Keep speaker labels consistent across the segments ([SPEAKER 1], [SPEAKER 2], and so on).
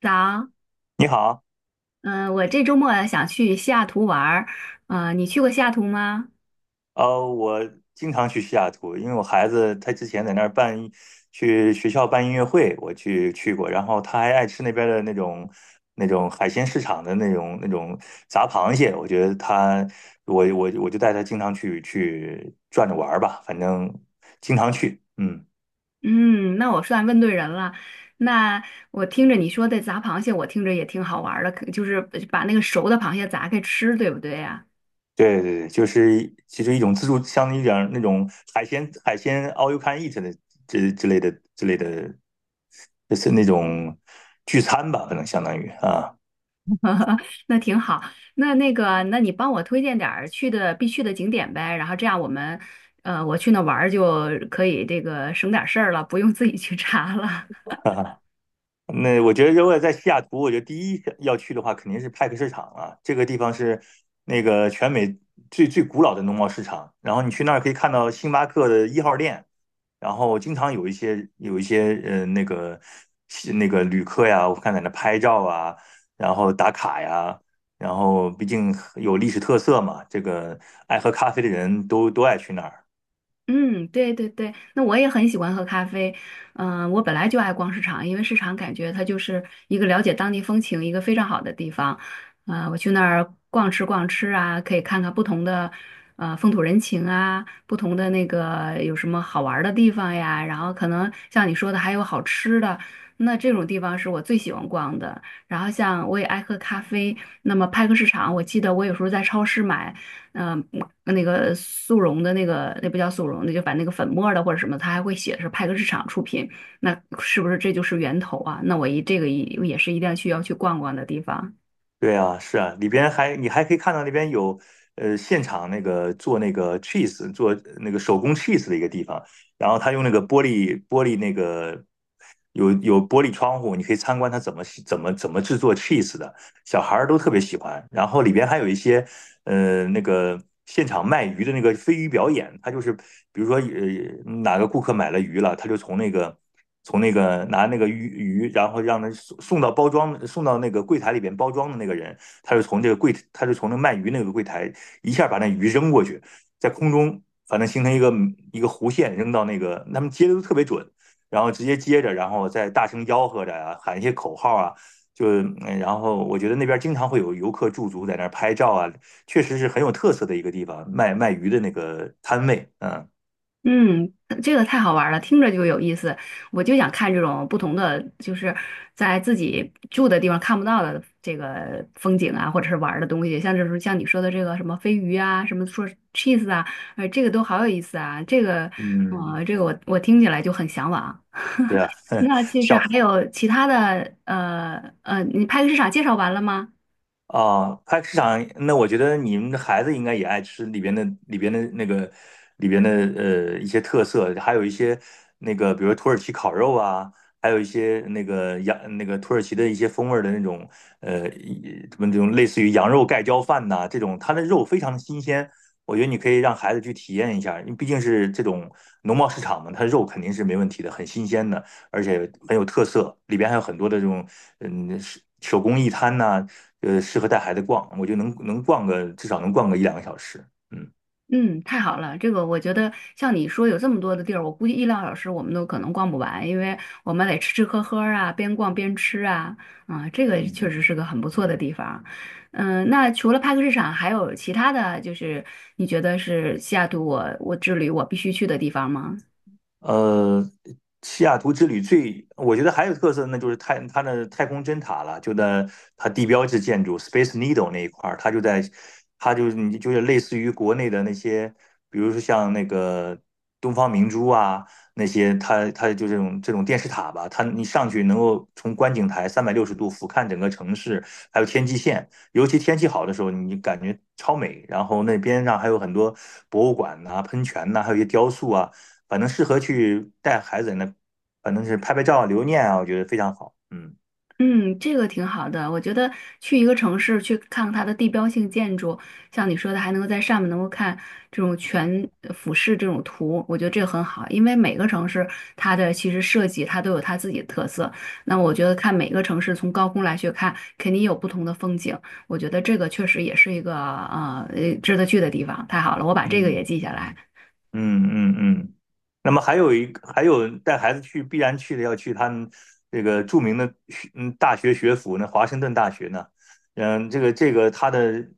[SPEAKER 1] 早。
[SPEAKER 2] 你好。
[SPEAKER 1] 嗯、我这周末想去西雅图玩儿。你去过西雅图吗？
[SPEAKER 2] 我经常去西雅图，因为我孩子他之前在那儿去学校办音乐会，我去过，然后他还爱吃那边的那种海鲜市场的那种炸螃蟹。我觉得他我我我就带他经常去转着玩儿吧，反正经常去，嗯，
[SPEAKER 1] 嗯，那我算问对人了。那我听着你说的砸螃蟹，我听着也挺好玩儿的，可就是把那个熟的螃蟹砸开吃，对不对呀？
[SPEAKER 2] 对对对，就是其实一种自助，相当于点那种海鲜 all you can eat 的这之类的之类的，就是那种聚餐吧，可能相当于啊。
[SPEAKER 1] 那挺好。那你帮我推荐点儿去的必去的景点呗，然后这样我们，我去那玩儿就可以这个省点儿事儿了，不用自己去查了。
[SPEAKER 2] 那我觉得，如果在西雅图，我觉得第一要去的话，肯定是派克市场啊。这个地方是那个全美最古老的农贸市场。然后你去那儿可以看到星巴克的一号店，然后经常有一些那个旅客呀，我看在那拍照啊，然后打卡呀。然后毕竟有历史特色嘛，这个爱喝咖啡的人都爱去那儿。
[SPEAKER 1] 嗯，对对对，那我也很喜欢喝咖啡。我本来就爱逛市场，因为市场感觉它就是一个了解当地风情一个非常好的地方。我去那儿逛吃逛吃啊，可以看看不同的风土人情啊，不同的那个有什么好玩儿的地方呀。然后可能像你说的还有好吃的，那这种地方是我最喜欢逛的。然后像我也爱喝咖啡，那么派克市场，我记得我有时候在超市买。嗯、那个速溶的那个那不叫速溶，那就反正那个粉末儿的或者什么，它还会写是派克市场出品，那是不是这就是源头啊？那我一这个一也是一定要去要去逛逛的地方。
[SPEAKER 2] 对啊，是啊，里边还你还可以看到那边有现场那个做那个手工 cheese 的一个地方，然后他用那个玻璃玻璃那个有玻璃窗户，你可以参观他怎么制作 cheese 的。小孩儿都特别喜欢。然后里边还有一些那个现场卖鱼的那个飞鱼表演。他就是比如说呃哪个顾客买了鱼了，他就从那个拿那个鱼，然后让他送到包装送到那个柜台里边包装的那个人，他就从那卖鱼那个柜台一下把那鱼扔过去，在空中。反正形成一个弧线，扔到那个，他们接的都特别准，然后直接接着，然后再大声吆喝着啊，喊一些口号啊，就然后我觉得那边经常会有游客驻足在那儿拍照啊，确实是很有特色的一个地方，卖鱼的那个摊位。嗯
[SPEAKER 1] 嗯，这个太好玩儿了，听着就有意思。我就想看这种不同的，就是在自己住的地方看不到的这个风景啊，或者是玩儿的东西。像这时候像你说的这个什么飞鱼啊，什么说 cheese 啊，哎，这个都好有意思啊。这个，
[SPEAKER 2] 嗯，
[SPEAKER 1] 这个我听起来就很向往。
[SPEAKER 2] 对啊。
[SPEAKER 1] 那其实
[SPEAKER 2] 小
[SPEAKER 1] 还有其他的，你派对市场介绍完了吗？
[SPEAKER 2] 菜市场，那我觉得你们的孩子应该也爱吃里边的一些特色，还有一些那个，比如土耳其烤肉啊，还有一些那个那个土耳其的一些风味儿的那种呃一什么这种类似于羊肉盖浇饭呐、这种它的肉非常的新鲜，我觉得你可以让孩子去体验一下，因为毕竟是这种农贸市场嘛，它肉肯定是没问题的，很新鲜的。而且很有特色，里边还有很多的这种手工艺摊呐、呃，适合带孩子逛，我就能逛个至少能逛个一两个小时，嗯。
[SPEAKER 1] 嗯，太好了，这个我觉得像你说有这么多的地儿，我估计一两个小时我们都可能逛不完，因为我们得吃吃喝喝啊，边逛边吃啊。这个确
[SPEAKER 2] 嗯
[SPEAKER 1] 实是个很不错的地方。那除了派克市场，还有其他的就是你觉得是西雅图我之旅我必须去的地方吗？
[SPEAKER 2] 呃，西雅图之旅最，我觉得还有特色，那就是它的太空针塔了，就在它地标式建筑 Space Needle 那一块儿。它就在，它就你就是类似于国内的那些，比如说像那个东方明珠啊那些，它就这种电视塔吧，它你上去能够从观景台360度俯瞰整个城市，还有天际线，尤其天气好的时候，你感觉超美。然后那边上还有很多博物馆呐、喷泉呐、还有一些雕塑啊。反正适合去带孩子那，反正是拍拍照留念啊，我觉得非常好。嗯
[SPEAKER 1] 嗯，这个挺好的。我觉得去一个城市去看它的地标性建筑，像你说的，还能够在上面能够看这种全俯视这种图，我觉得这个很好。因为每个城市它的其实设计它都有它自己的特色。那我觉得看每个城市从高空来去看，肯定有不同的风景。我觉得这个确实也是一个值得去的地方。太好了，我把这个也
[SPEAKER 2] 嗯，
[SPEAKER 1] 记下来。
[SPEAKER 2] 嗯嗯嗯。那么还有一个还有带孩子去必然去的要去他们这个著名的大学学府呢，华盛顿大学呢。嗯，这个他的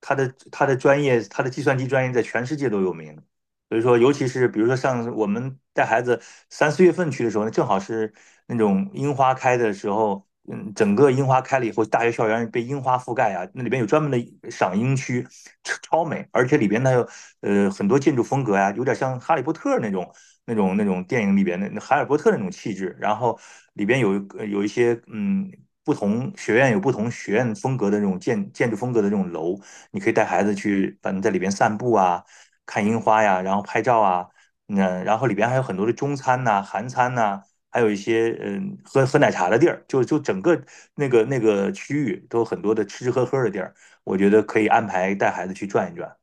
[SPEAKER 2] 他的专业，他的计算机专业在全世界都有名，所以说，尤其是比如说像我们带孩子三四月份去的时候，那正好是那种樱花开的时候。嗯，整个樱花开了以后，大学校园被樱花覆盖啊，那里边有专门的赏樱区，超美，而且里边它有很多建筑风格呀、啊有点像哈利波特那种那种电影里边的那海尔波特那种气质，然后里边有有一些。不同学院有不同学院风格的这种建筑风格的这种楼，你可以带孩子去，反正在里边散步啊，看樱花呀，然后拍照啊。嗯，然后里边还有很多的中餐呐、韩餐呐、还有一些喝喝奶茶的地儿，就整个那个区域都有很多的吃吃喝喝的地儿，我觉得可以安排带孩子去转一转。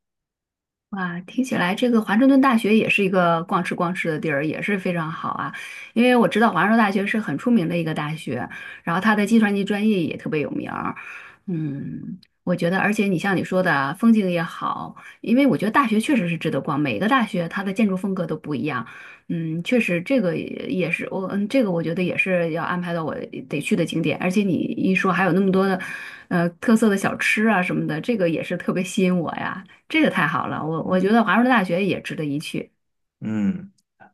[SPEAKER 1] 哇，听起来这个华盛顿大学也是一个逛吃逛吃的地儿，也是非常好啊。因为我知道华盛顿大学是很出名的一个大学，然后它的计算机专业也特别有名儿。嗯，我觉得，而且你像你说的啊，风景也好，因为我觉得大学确实是值得逛，每个大学它的建筑风格都不一样。嗯，确实这个也也是我，嗯，这个我觉得也是要安排到我得去的景点。而且你一说还有那么多的，特色的小吃啊什么的，这个也是特别吸引我呀。这个太好了，我
[SPEAKER 2] 嗯
[SPEAKER 1] 觉得华盛顿大学也值得一去。
[SPEAKER 2] 嗯。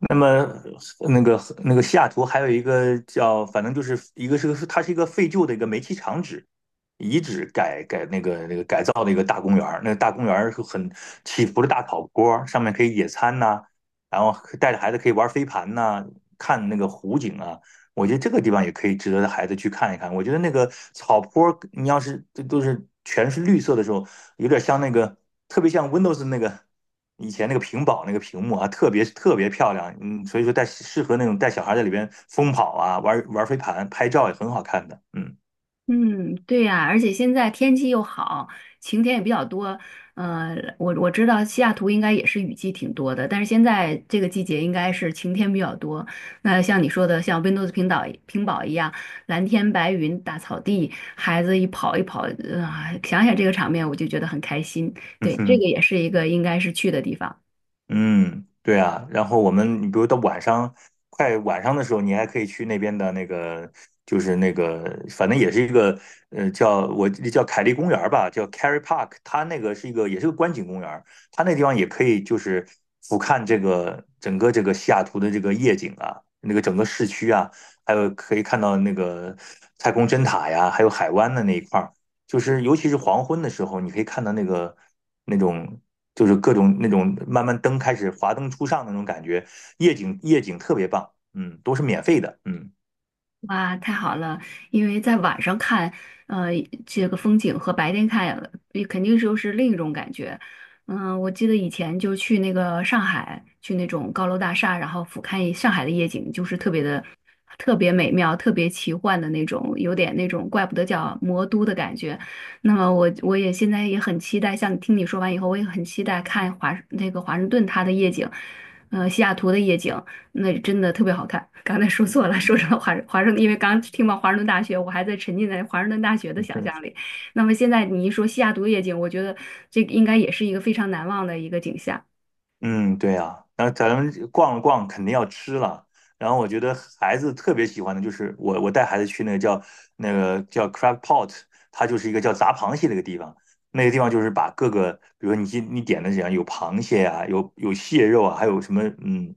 [SPEAKER 2] 那么那个那个西雅图还有一个叫，反正就是一个是个它是一个废旧的一个煤气厂址遗址改改那个那个改造的一个大公园儿是很起伏的大草坡，上面可以野餐呐、然后带着孩子可以玩飞盘呐、看那个湖景啊，我觉得这个地方也可以值得孩子去看一看。我觉得那个草坡你要是这都是全是绿色的时候，有点像那个，特别像 Windows 那个以前那个屏保那个屏幕啊，特别特别漂亮。嗯，所以说带适合那种带小孩在里边疯跑啊，玩玩飞盘、拍照也很好看的。嗯
[SPEAKER 1] 嗯，对呀，而且现在天气又好，晴天也比较多。我知道西雅图应该也是雨季挺多的，但是现在这个季节应该是晴天比较多。那像你说的，像温哥斯平岛平堡一样，蓝天白云、大草地，孩子一跑，想想这个场面，我就觉得很开心。
[SPEAKER 2] 嗯
[SPEAKER 1] 对，这个
[SPEAKER 2] 哼。
[SPEAKER 1] 也是一个应该是去的地方。
[SPEAKER 2] 嗯，对啊，然后我们，你比如到晚上，快晚上的时候，你还可以去那边的那个，就是那个，反正也是一个，呃，叫我叫凯利公园儿吧，叫 Kerry Park,它那个是一个，也是个观景公园儿，它那地方也可以就是俯瞰这个整个这个西雅图的这个夜景啊，那个整个市区啊，还有可以看到那个太空针塔呀，还有海湾的那一块儿。就是尤其是黄昏的时候，你可以看到那个那种就是各种那种慢慢灯开始华灯初上的那种感觉，夜景特别棒，嗯，都是免费的，嗯。
[SPEAKER 1] 哇，太好了！因为在晚上看，呃，这个风景和白天看，也肯定是又是另一种感觉。嗯，我记得以前就去那个上海，去那种高楼大厦，然后俯瞰上海的夜景，就是特别的、特别美妙、特别奇幻的那种，有点那种怪不得叫魔都的感觉。那么我也现在也很期待，像听你说完以后，我也很期待看那个华盛顿它的夜景，西雅图的夜景，那真的特别好看。刚才说错了，说成了华盛顿，因为刚听到华盛顿大学，我还在沉浸在华盛顿大学的
[SPEAKER 2] 嗯，
[SPEAKER 1] 想
[SPEAKER 2] 对，
[SPEAKER 1] 象里。那么现在你一说西雅图夜景，我觉得这个应该也是一个非常难忘的一个景象。
[SPEAKER 2] 嗯，对呀，然后咱们逛了逛，肯定要吃了。然后我觉得孩子特别喜欢的就是我，带孩子去那个叫 crab pot。它就是一个叫砸螃蟹的一个地方。那个地方就是把各个，比如说你点的怎样，有螃蟹啊，有蟹肉啊，还有什么嗯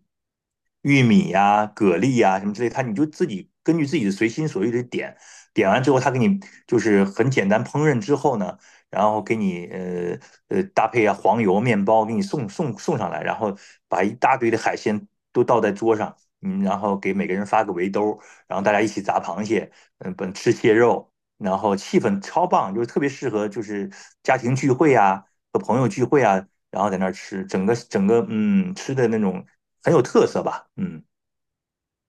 [SPEAKER 2] 玉米呀、蛤蜊呀、什么之类，它你就自己根据自己的随心所欲的点，点完之后，他给你就是很简单烹饪之后呢。然后给你搭配啊黄油面包给你送上来，然后把一大堆的海鲜都倒在桌上，嗯，然后给每个人发个围兜，然后大家一起砸螃蟹，嗯，本吃蟹肉，然后气氛超棒，就是特别适合就是家庭聚会啊和朋友聚会啊，然后在那儿吃，整个吃的那种很有特色吧，嗯。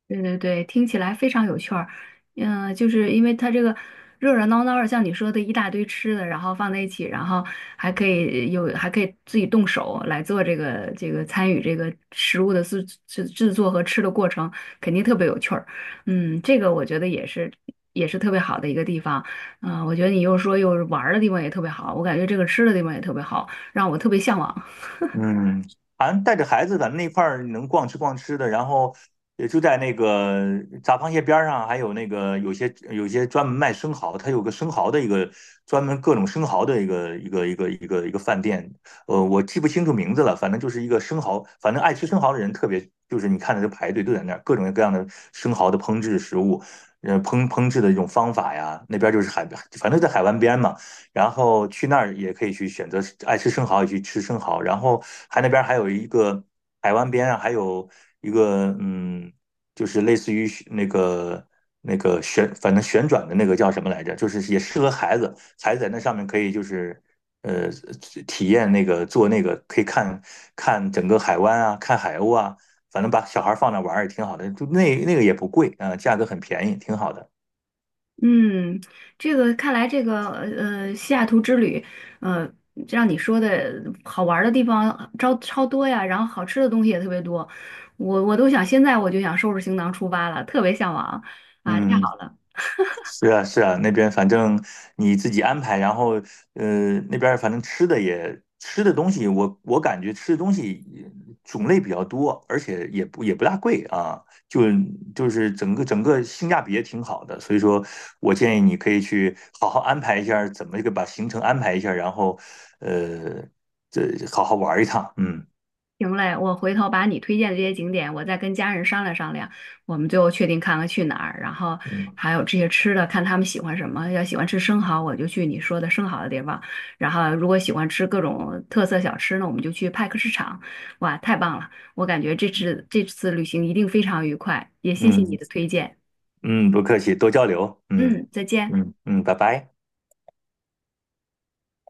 [SPEAKER 1] 对对对，听起来非常有趣儿。就是因为它这个热热闹闹的，像你说的一大堆吃的，然后放在一起，然后还可以有，还可以自己动手来做这个参与这个食物的制作和吃的过程，肯定特别有趣儿。嗯，这个我觉得也是特别好的一个地方。我觉得你又说又玩儿的地方也特别好，我感觉这个吃的地方也特别好，让我特别向往。
[SPEAKER 2] 嗯，反正带着孩子，咱们那块儿能逛吃逛吃的，然后也就在那个杂螃蟹边儿上，还有那个有些专门卖生蚝，它有个生蚝的一个专门各种生蚝的一个饭店，呃，我记不清楚名字了，反正就是一个生蚝，反正爱吃生蚝的人特别，就是你看的就排队都在那儿，各种各样的生蚝的烹制食物，呃，烹制的一种方法呀，那边就是海边，反正在海湾边嘛。然后去那儿也可以去选择爱吃生蚝也去吃生蚝，然后还那边还有一个海湾边上还有一个嗯，就是类似于那个反正旋转的那个叫什么来着，就是也适合孩子，孩子在那上面可以就是呃体验那个做那个可以看看整个海湾啊，看海鸥啊，反正把小孩放那玩儿也挺好的，就那那个也不贵啊，价格很便宜，挺好的。
[SPEAKER 1] 嗯，这个看来这个西雅图之旅，呃，让你说的好玩儿的地方超超多呀，然后好吃的东西也特别多，我都想现在我就想收拾行囊出发了，特别向往啊，太
[SPEAKER 2] 嗯，
[SPEAKER 1] 好了。
[SPEAKER 2] 是啊，是啊，那边反正你自己安排，然后呃，那边反正吃的也吃的东西，我我感觉吃的东西种类比较多，而且也不大贵啊，就就是整个性价比也挺好的，所以说我建议你可以去好好安排一下怎么一个把行程安排一下然后呃，这好好玩一趟，嗯
[SPEAKER 1] 行嘞，我回头把你推荐的这些景点，我再跟家人商量商量，我们最后确定看看去哪儿，然后
[SPEAKER 2] 嗯
[SPEAKER 1] 还有这些吃的，看他们喜欢什么。要喜欢吃生蚝，我就去你说的生蚝的地方；然后如果喜欢吃各种特色小吃呢，我们就去派克市场。哇，太棒了！我感觉这次旅行一定非常愉快，也谢谢你
[SPEAKER 2] 嗯
[SPEAKER 1] 的推荐。
[SPEAKER 2] 嗯，不客气，多交流，嗯
[SPEAKER 1] 嗯，再见。
[SPEAKER 2] 嗯嗯，拜拜。